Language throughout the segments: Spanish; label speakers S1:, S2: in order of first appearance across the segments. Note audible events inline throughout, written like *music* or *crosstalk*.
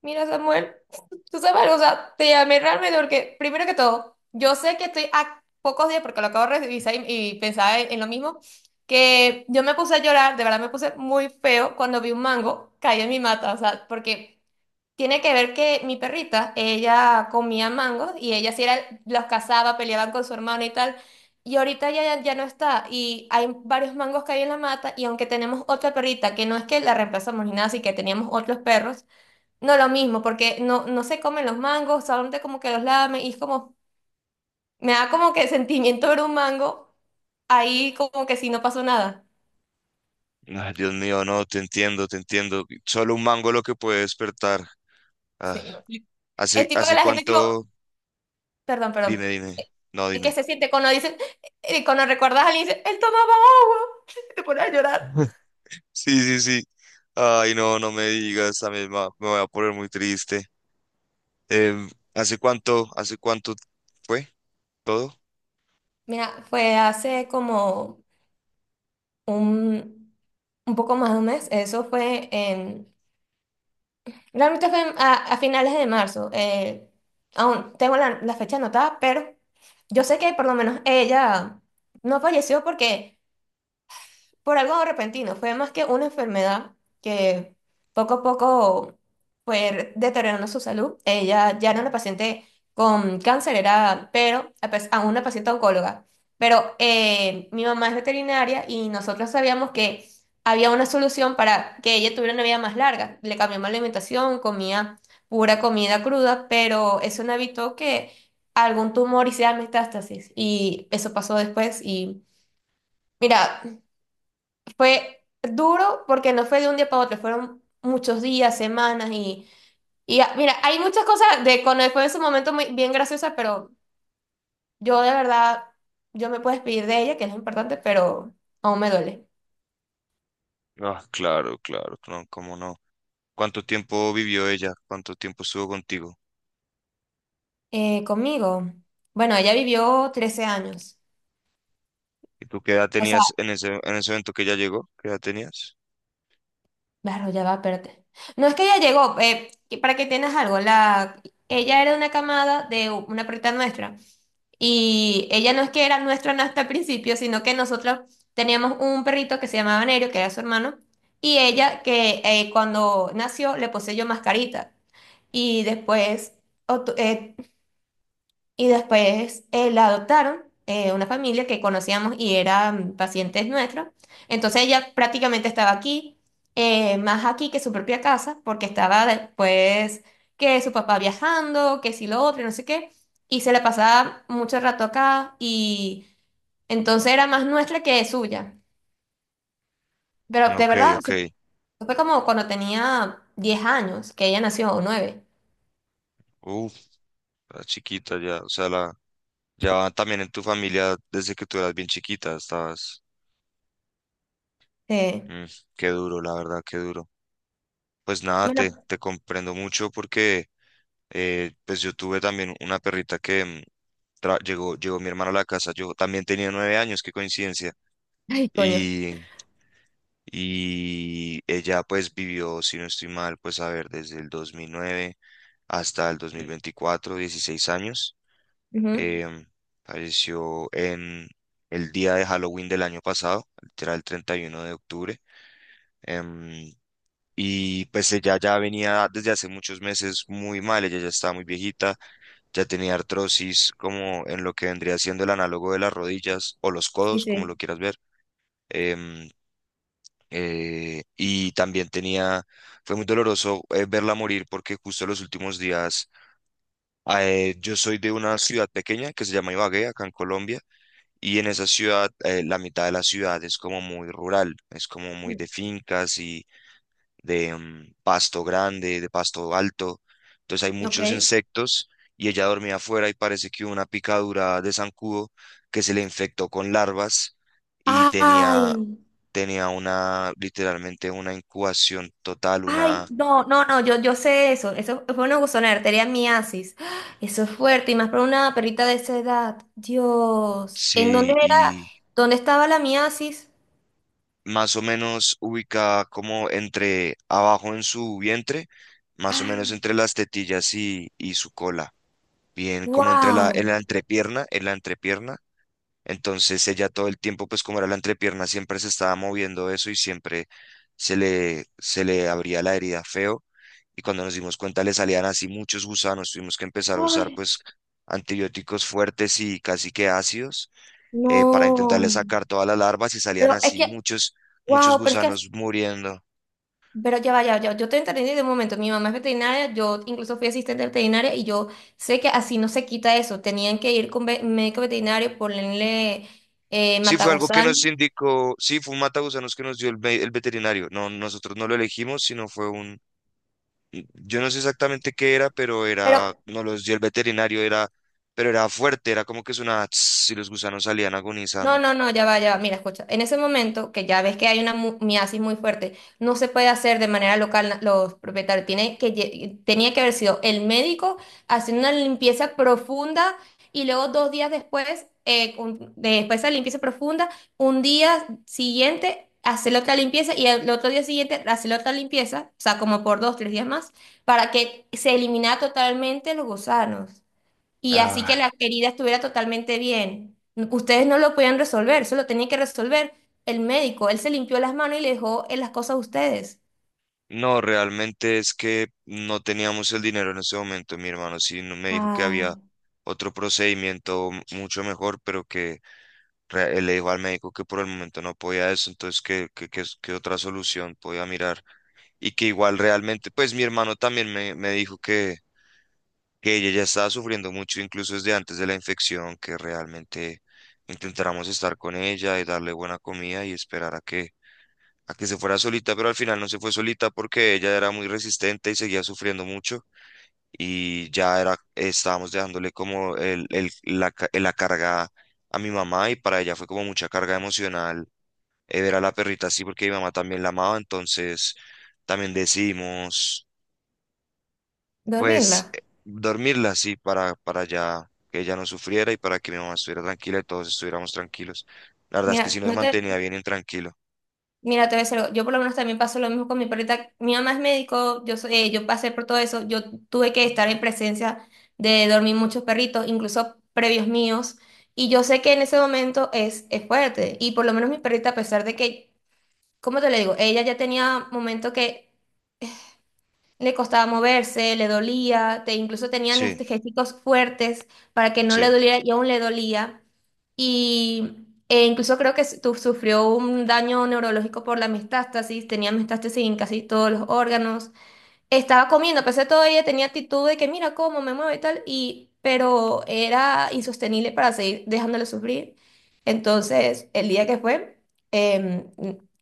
S1: Mira, Samuel, tú sabes, o sea, te llamé realmente porque, primero que todo, yo sé que estoy a pocos días, porque lo acabo de revisar y pensaba en lo mismo, que yo me puse a llorar. De verdad me puse muy feo cuando vi un mango caído en mi mata, o sea, porque tiene que ver que mi perrita, ella comía mangos y ella sí era, los cazaba, peleaban con su hermano y tal, y ahorita ya no está, y hay varios mangos caídos en la mata, y aunque tenemos otra perrita, que no es que la reemplazamos ni nada, así que teníamos otros perros, no lo mismo, porque no, no se comen los mangos, solamente como que los lamen y es como, me da como que sentimiento ver un mango ahí como que si no pasó nada.
S2: Ah, Dios mío, no, te entiendo, te entiendo. Solo un mango lo que puede despertar.
S1: Sí,
S2: Ah,
S1: no. Es
S2: ¿hace,
S1: tipo que
S2: hace
S1: la gente tipo,
S2: cuánto?
S1: perdón,
S2: Dime,
S1: perdón,
S2: dime. No,
S1: es que
S2: dime.
S1: se siente cuando dicen, cuando recuerdas a alguien, dice, él tomaba agua, *laughs* te pones a llorar.
S2: *laughs* Sí, sí, sí. Ay, no, no me digas, también me voy a poner muy triste. ¿Hace cuánto fue todo?
S1: Mira, fue hace como un, un, poco más de un mes. Eso fue en Realmente fue a finales de marzo. Aún tengo la fecha anotada, pero yo sé que por lo menos ella no falleció porque por algo repentino, fue más que una enfermedad que poco a poco fue deteriorando su salud. Ella ya no era una paciente con cáncer, era, pero aún una paciente oncóloga. Pero mi mamá es veterinaria y nosotros sabíamos que había una solución para que ella tuviera una vida más larga. Le cambiamos la alimentación, comía pura comida cruda, pero eso no evitó que algún tumor hiciera metástasis. Y eso pasó después. Mira, fue duro porque no fue de un día para otro, fueron muchos días, semanas y, mira, hay muchas cosas de cuando fue en su momento muy, bien graciosas, pero yo de verdad, yo me puedo despedir de ella, que es lo importante, pero aún me duele.
S2: Ah, claro, claro, no, cómo no. ¿Cuánto tiempo vivió ella? ¿Cuánto tiempo estuvo contigo?
S1: Conmigo, bueno, ella vivió 13 años.
S2: ¿Y tú qué edad
S1: O sea,
S2: tenías en ese evento que ella llegó? ¿Qué edad tenías?
S1: claro, ya va, espérate. No es que ella llegó, para que tengas algo, ella era una camada de una perrita nuestra. Y ella no es que era nuestra hasta el principio, sino que nosotros teníamos un perrito que se llamaba Nerio, que era su hermano, y ella que cuando nació le poseyó mascarita. Y obtu- eh, después, la adoptaron, una familia que conocíamos y eran pacientes nuestros. Entonces ella prácticamente estaba aquí, más aquí que su propia casa, porque estaba después que su papá viajando, que si lo otro, y no sé qué. Y se la pasaba mucho rato acá y entonces era más nuestra que suya. Pero de
S2: Ok,
S1: verdad,
S2: ok.
S1: fue como cuando tenía 10 años que ella nació, o 9.
S2: Uf, la chiquita ya, o sea, la, ya también en tu familia, desde que tú eras bien chiquita, estabas...
S1: Eh,
S2: Mm, qué duro, la verdad, qué duro. Pues nada,
S1: bueno,
S2: te comprendo mucho porque pues yo tuve también una perrita que llegó, llegó mi hermana a la casa, yo también tenía 9 años, qué coincidencia.
S1: ay, coño.
S2: Y, y ella pues vivió, si no estoy mal, pues a ver, desde el 2009 hasta el 2024, 16 años.
S1: Ujú.
S2: em, Falleció en el día de Halloween del año pasado, literal el 31 de octubre. em, y pues ella ya venía desde hace muchos meses muy mal, ella ya estaba muy viejita, ya tenía artrosis como en lo que vendría siendo el análogo de las rodillas o los
S1: Sí,
S2: codos, como
S1: sí.
S2: lo quieras ver. em, y también tenía, fue muy doloroso verla morir porque justo los últimos días, yo soy de una ciudad pequeña que se llama Ibagué, acá en Colombia. Y en esa ciudad, la mitad de la ciudad es como muy rural, es como muy de fincas y de pasto grande, de pasto alto. Entonces hay
S1: Ok.
S2: muchos insectos y ella dormía afuera y parece que hubo una picadura de zancudo que se le infectó con larvas y
S1: Ay,
S2: tenía, tenía una, literalmente una incubación total,
S1: ay,
S2: una,
S1: no, no, no, yo sé eso. Eso fue una buzonera, arteria miasis. ¡Ah! Eso es fuerte, y más para una perrita de esa edad. Dios. ¿En dónde
S2: sí,
S1: era?
S2: y
S1: ¿Dónde estaba la miasis?
S2: más o menos ubicada como entre abajo en su vientre, más o menos entre las tetillas y su cola, bien como entre la,
S1: ¡Wow!
S2: en la entrepierna, en la entrepierna. Entonces ella todo el tiempo, pues como era la entrepierna, siempre se estaba moviendo eso y siempre se le abría la herida feo. Y cuando nos dimos cuenta le salían así muchos gusanos, tuvimos que empezar a usar
S1: Ay,
S2: pues antibióticos fuertes y casi que ácidos para intentarle
S1: no.
S2: sacar todas las larvas y salían
S1: Pero es
S2: así
S1: que,
S2: muchos, muchos
S1: wow, pero es que,
S2: gusanos muriendo.
S1: pero ya va, yo te entendí de un momento. Mi mamá es veterinaria, yo incluso fui asistente veterinaria y yo sé que así no se quita eso, tenían que ir con médico veterinario, ponerle
S2: Sí, fue algo que
S1: matagusano,
S2: nos indicó, sí, fue un matagusanos que nos dio el veterinario. No, nosotros no lo elegimos, sino fue un, yo no sé exactamente qué era, pero
S1: pero
S2: era, nos los dio el veterinario, era, pero era fuerte, era como que sonaba tss, y los gusanos salían
S1: No,
S2: agonizando.
S1: no, no, ya va, ya va. Mira, escucha. En ese momento, que ya ves que hay una miasis muy fuerte, no se puede hacer de manera local los propietarios. Tenía que haber sido el médico haciendo una limpieza profunda y luego 2 días después, después de la limpieza profunda, un día siguiente hacer otra limpieza y el otro día siguiente hacer otra limpieza, o sea, como por dos, tres días más, para que se eliminara totalmente los gusanos. Y así que
S2: Ah,
S1: la querida estuviera totalmente bien. Ustedes no lo podían resolver, eso lo tenía que resolver el médico. Él se limpió las manos y le dejó las cosas a ustedes.
S2: no, realmente es que no teníamos el dinero en ese momento, mi hermano. Sí, me dijo que había
S1: Ah,
S2: otro procedimiento mucho mejor, pero que le dijo al médico que por el momento no podía eso, entonces que otra solución podía mirar. Y que igual realmente, pues mi hermano también me dijo que ella ya estaba sufriendo mucho, incluso desde antes de la infección, que realmente intentáramos estar con ella y darle buena comida y esperar a que se fuera solita, pero al final no se fue solita porque ella era muy resistente y seguía sufriendo mucho. Y ya era, estábamos dejándole como la carga a mi mamá y para ella fue como mucha carga emocional ver a la perrita así porque mi mamá también la amaba, entonces también decidimos pues
S1: dormirla.
S2: dormirla así para ya que ella no sufriera y para que mi mamá estuviera tranquila y todos estuviéramos tranquilos. La verdad es que
S1: Mira,
S2: sí nos
S1: no te,
S2: mantenía bien intranquilo.
S1: mira, te voy a decir algo. Yo por lo menos también paso lo mismo con mi perrita. Mi mamá es médico, yo pasé por todo eso. Yo tuve que estar en presencia de dormir muchos perritos, incluso previos míos. Y yo sé que en ese momento es fuerte. Y por lo menos mi perrita, a pesar de que, ¿cómo te le digo? Ella ya tenía momentos que le costaba moverse, le dolía, incluso tenían
S2: Sí,
S1: anestésicos fuertes para que no le
S2: sí.
S1: doliera y aún le dolía. Y incluso creo que sufrió un daño neurológico por la metástasis, tenía metástasis en casi todos los órganos. Estaba comiendo, a pesar de todo, ella tenía actitud de que mira cómo me mueve y tal, pero era insostenible para seguir dejándole sufrir. Entonces, el día que fue, em,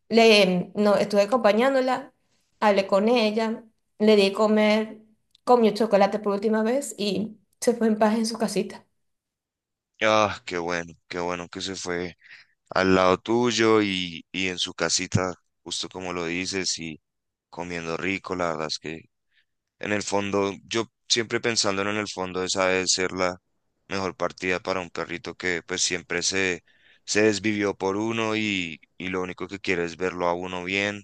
S1: no, estuve acompañándola, hablé con ella, le di comer, comió chocolate por última vez y se fue en paz en su casita.
S2: Ah, qué bueno que se fue al lado tuyo y en su casita, justo como lo dices, y comiendo rico, la verdad es que en el fondo, yo siempre pensándolo en el fondo, esa debe ser la mejor partida para un perrito que pues siempre se, se desvivió por uno y lo único que quiere es verlo a uno bien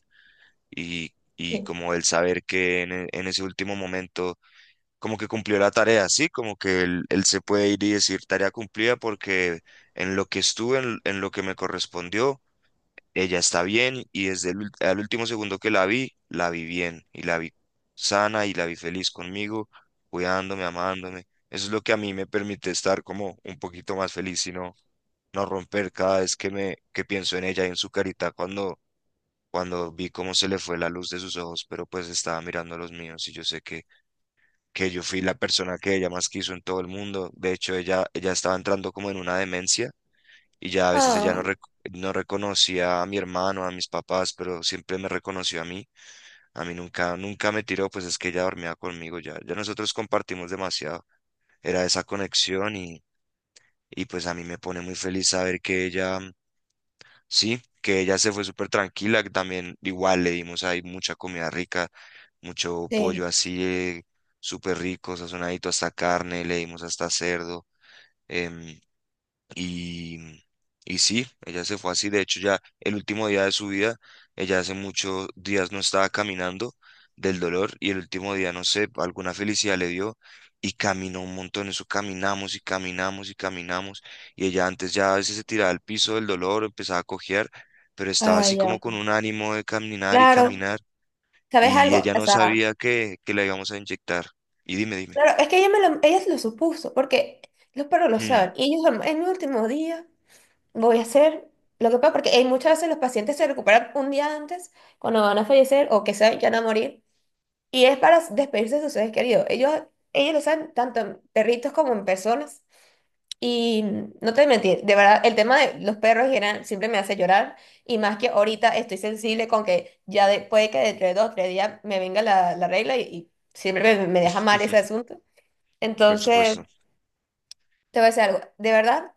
S2: y
S1: Sí.
S2: como el saber que en ese último momento como que cumplió la tarea, ¿sí? Como que él se puede ir y decir tarea cumplida porque en lo que estuve, en lo que me correspondió ella está bien y desde al último segundo que la vi bien y la vi sana y la vi feliz conmigo, cuidándome, amándome. Eso es lo que a mí me permite estar como un poquito más feliz y no, no romper cada vez que me que pienso en ella y en su carita cuando cuando vi cómo se le fue la luz de sus ojos, pero pues estaba mirando los míos y yo sé que yo fui la persona que ella más quiso en todo el mundo. De hecho, ella estaba entrando como en una demencia y ya a veces ella
S1: Ah,
S2: no, rec- no reconocía a mi hermano, a mis papás, pero siempre me reconoció a mí. A mí nunca, nunca me tiró, pues es que ella dormía conmigo ya. Ya nosotros compartimos demasiado. Era esa conexión y pues a mí me pone muy feliz saber que ella, sí, que ella se fue súper tranquila, que también igual le dimos ahí mucha comida rica, mucho
S1: sí.
S2: pollo así, súper rico, sazonadito hasta carne, le dimos hasta cerdo. em, y, y sí, ella se fue así. De hecho, ya el último día de su vida, ella hace muchos días no estaba caminando del dolor y el último día, no sé, alguna felicidad le dio y caminó un montón. Eso caminamos y caminamos y caminamos. Y ella antes ya a veces se tiraba al piso del dolor, empezaba a cojear, pero estaba
S1: Ah,
S2: así como
S1: ya.
S2: con un ánimo de caminar y
S1: Claro,
S2: caminar.
S1: ¿sabes
S2: Y
S1: algo?
S2: ella
S1: O
S2: no
S1: sea,
S2: sabía que la íbamos a inyectar. Y dime, dime.
S1: claro, es que ella se lo supuso, porque los perros lo
S2: Hmm,
S1: saben, y ellos en el último día. Voy a hacer lo que pueda, porque hay muchas veces los pacientes se recuperan un día antes cuando van a fallecer o que se van a morir. Y es para despedirse de sus seres queridos. Ellos lo saben tanto en perritos como en personas. Y no te voy a mentir, de verdad, el tema de los perros en general siempre me hace llorar. Y más que ahorita estoy sensible con que ya puede que dentro de 2 o 3 días me venga la regla y siempre me deja mal ese asunto.
S2: por
S1: Entonces,
S2: supuesto.
S1: te voy a decir algo. De verdad,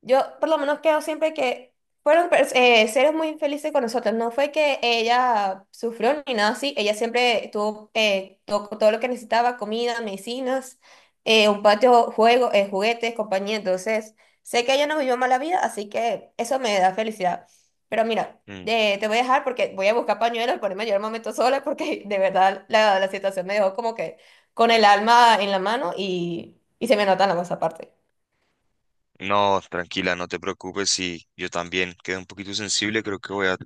S1: yo por lo menos creo siempre que fueron seres muy infelices con nosotros. No fue que ella sufrió ni nada así. Ella siempre tuvo todo lo que necesitaba: comida, medicinas, un patio, juego, juguetes, compañía. Entonces, sé que ella no vivió mala vida, así que eso me da felicidad. Pero mira, te voy a dejar porque voy a buscar pañuelos y ponerme a llorar un momento sola porque *laughs* de verdad la situación me dejó como que con el alma en la mano y se me nota en la voz aparte.
S2: No, tranquila, no te preocupes. Sí, yo también quedé un poquito sensible. Creo que voy a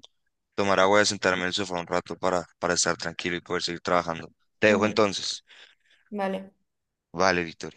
S2: tomar agua y a sentarme en el sofá un rato para estar tranquilo y poder seguir trabajando. Te dejo
S1: Ujú,
S2: entonces.
S1: vale.
S2: Vale, Víctor.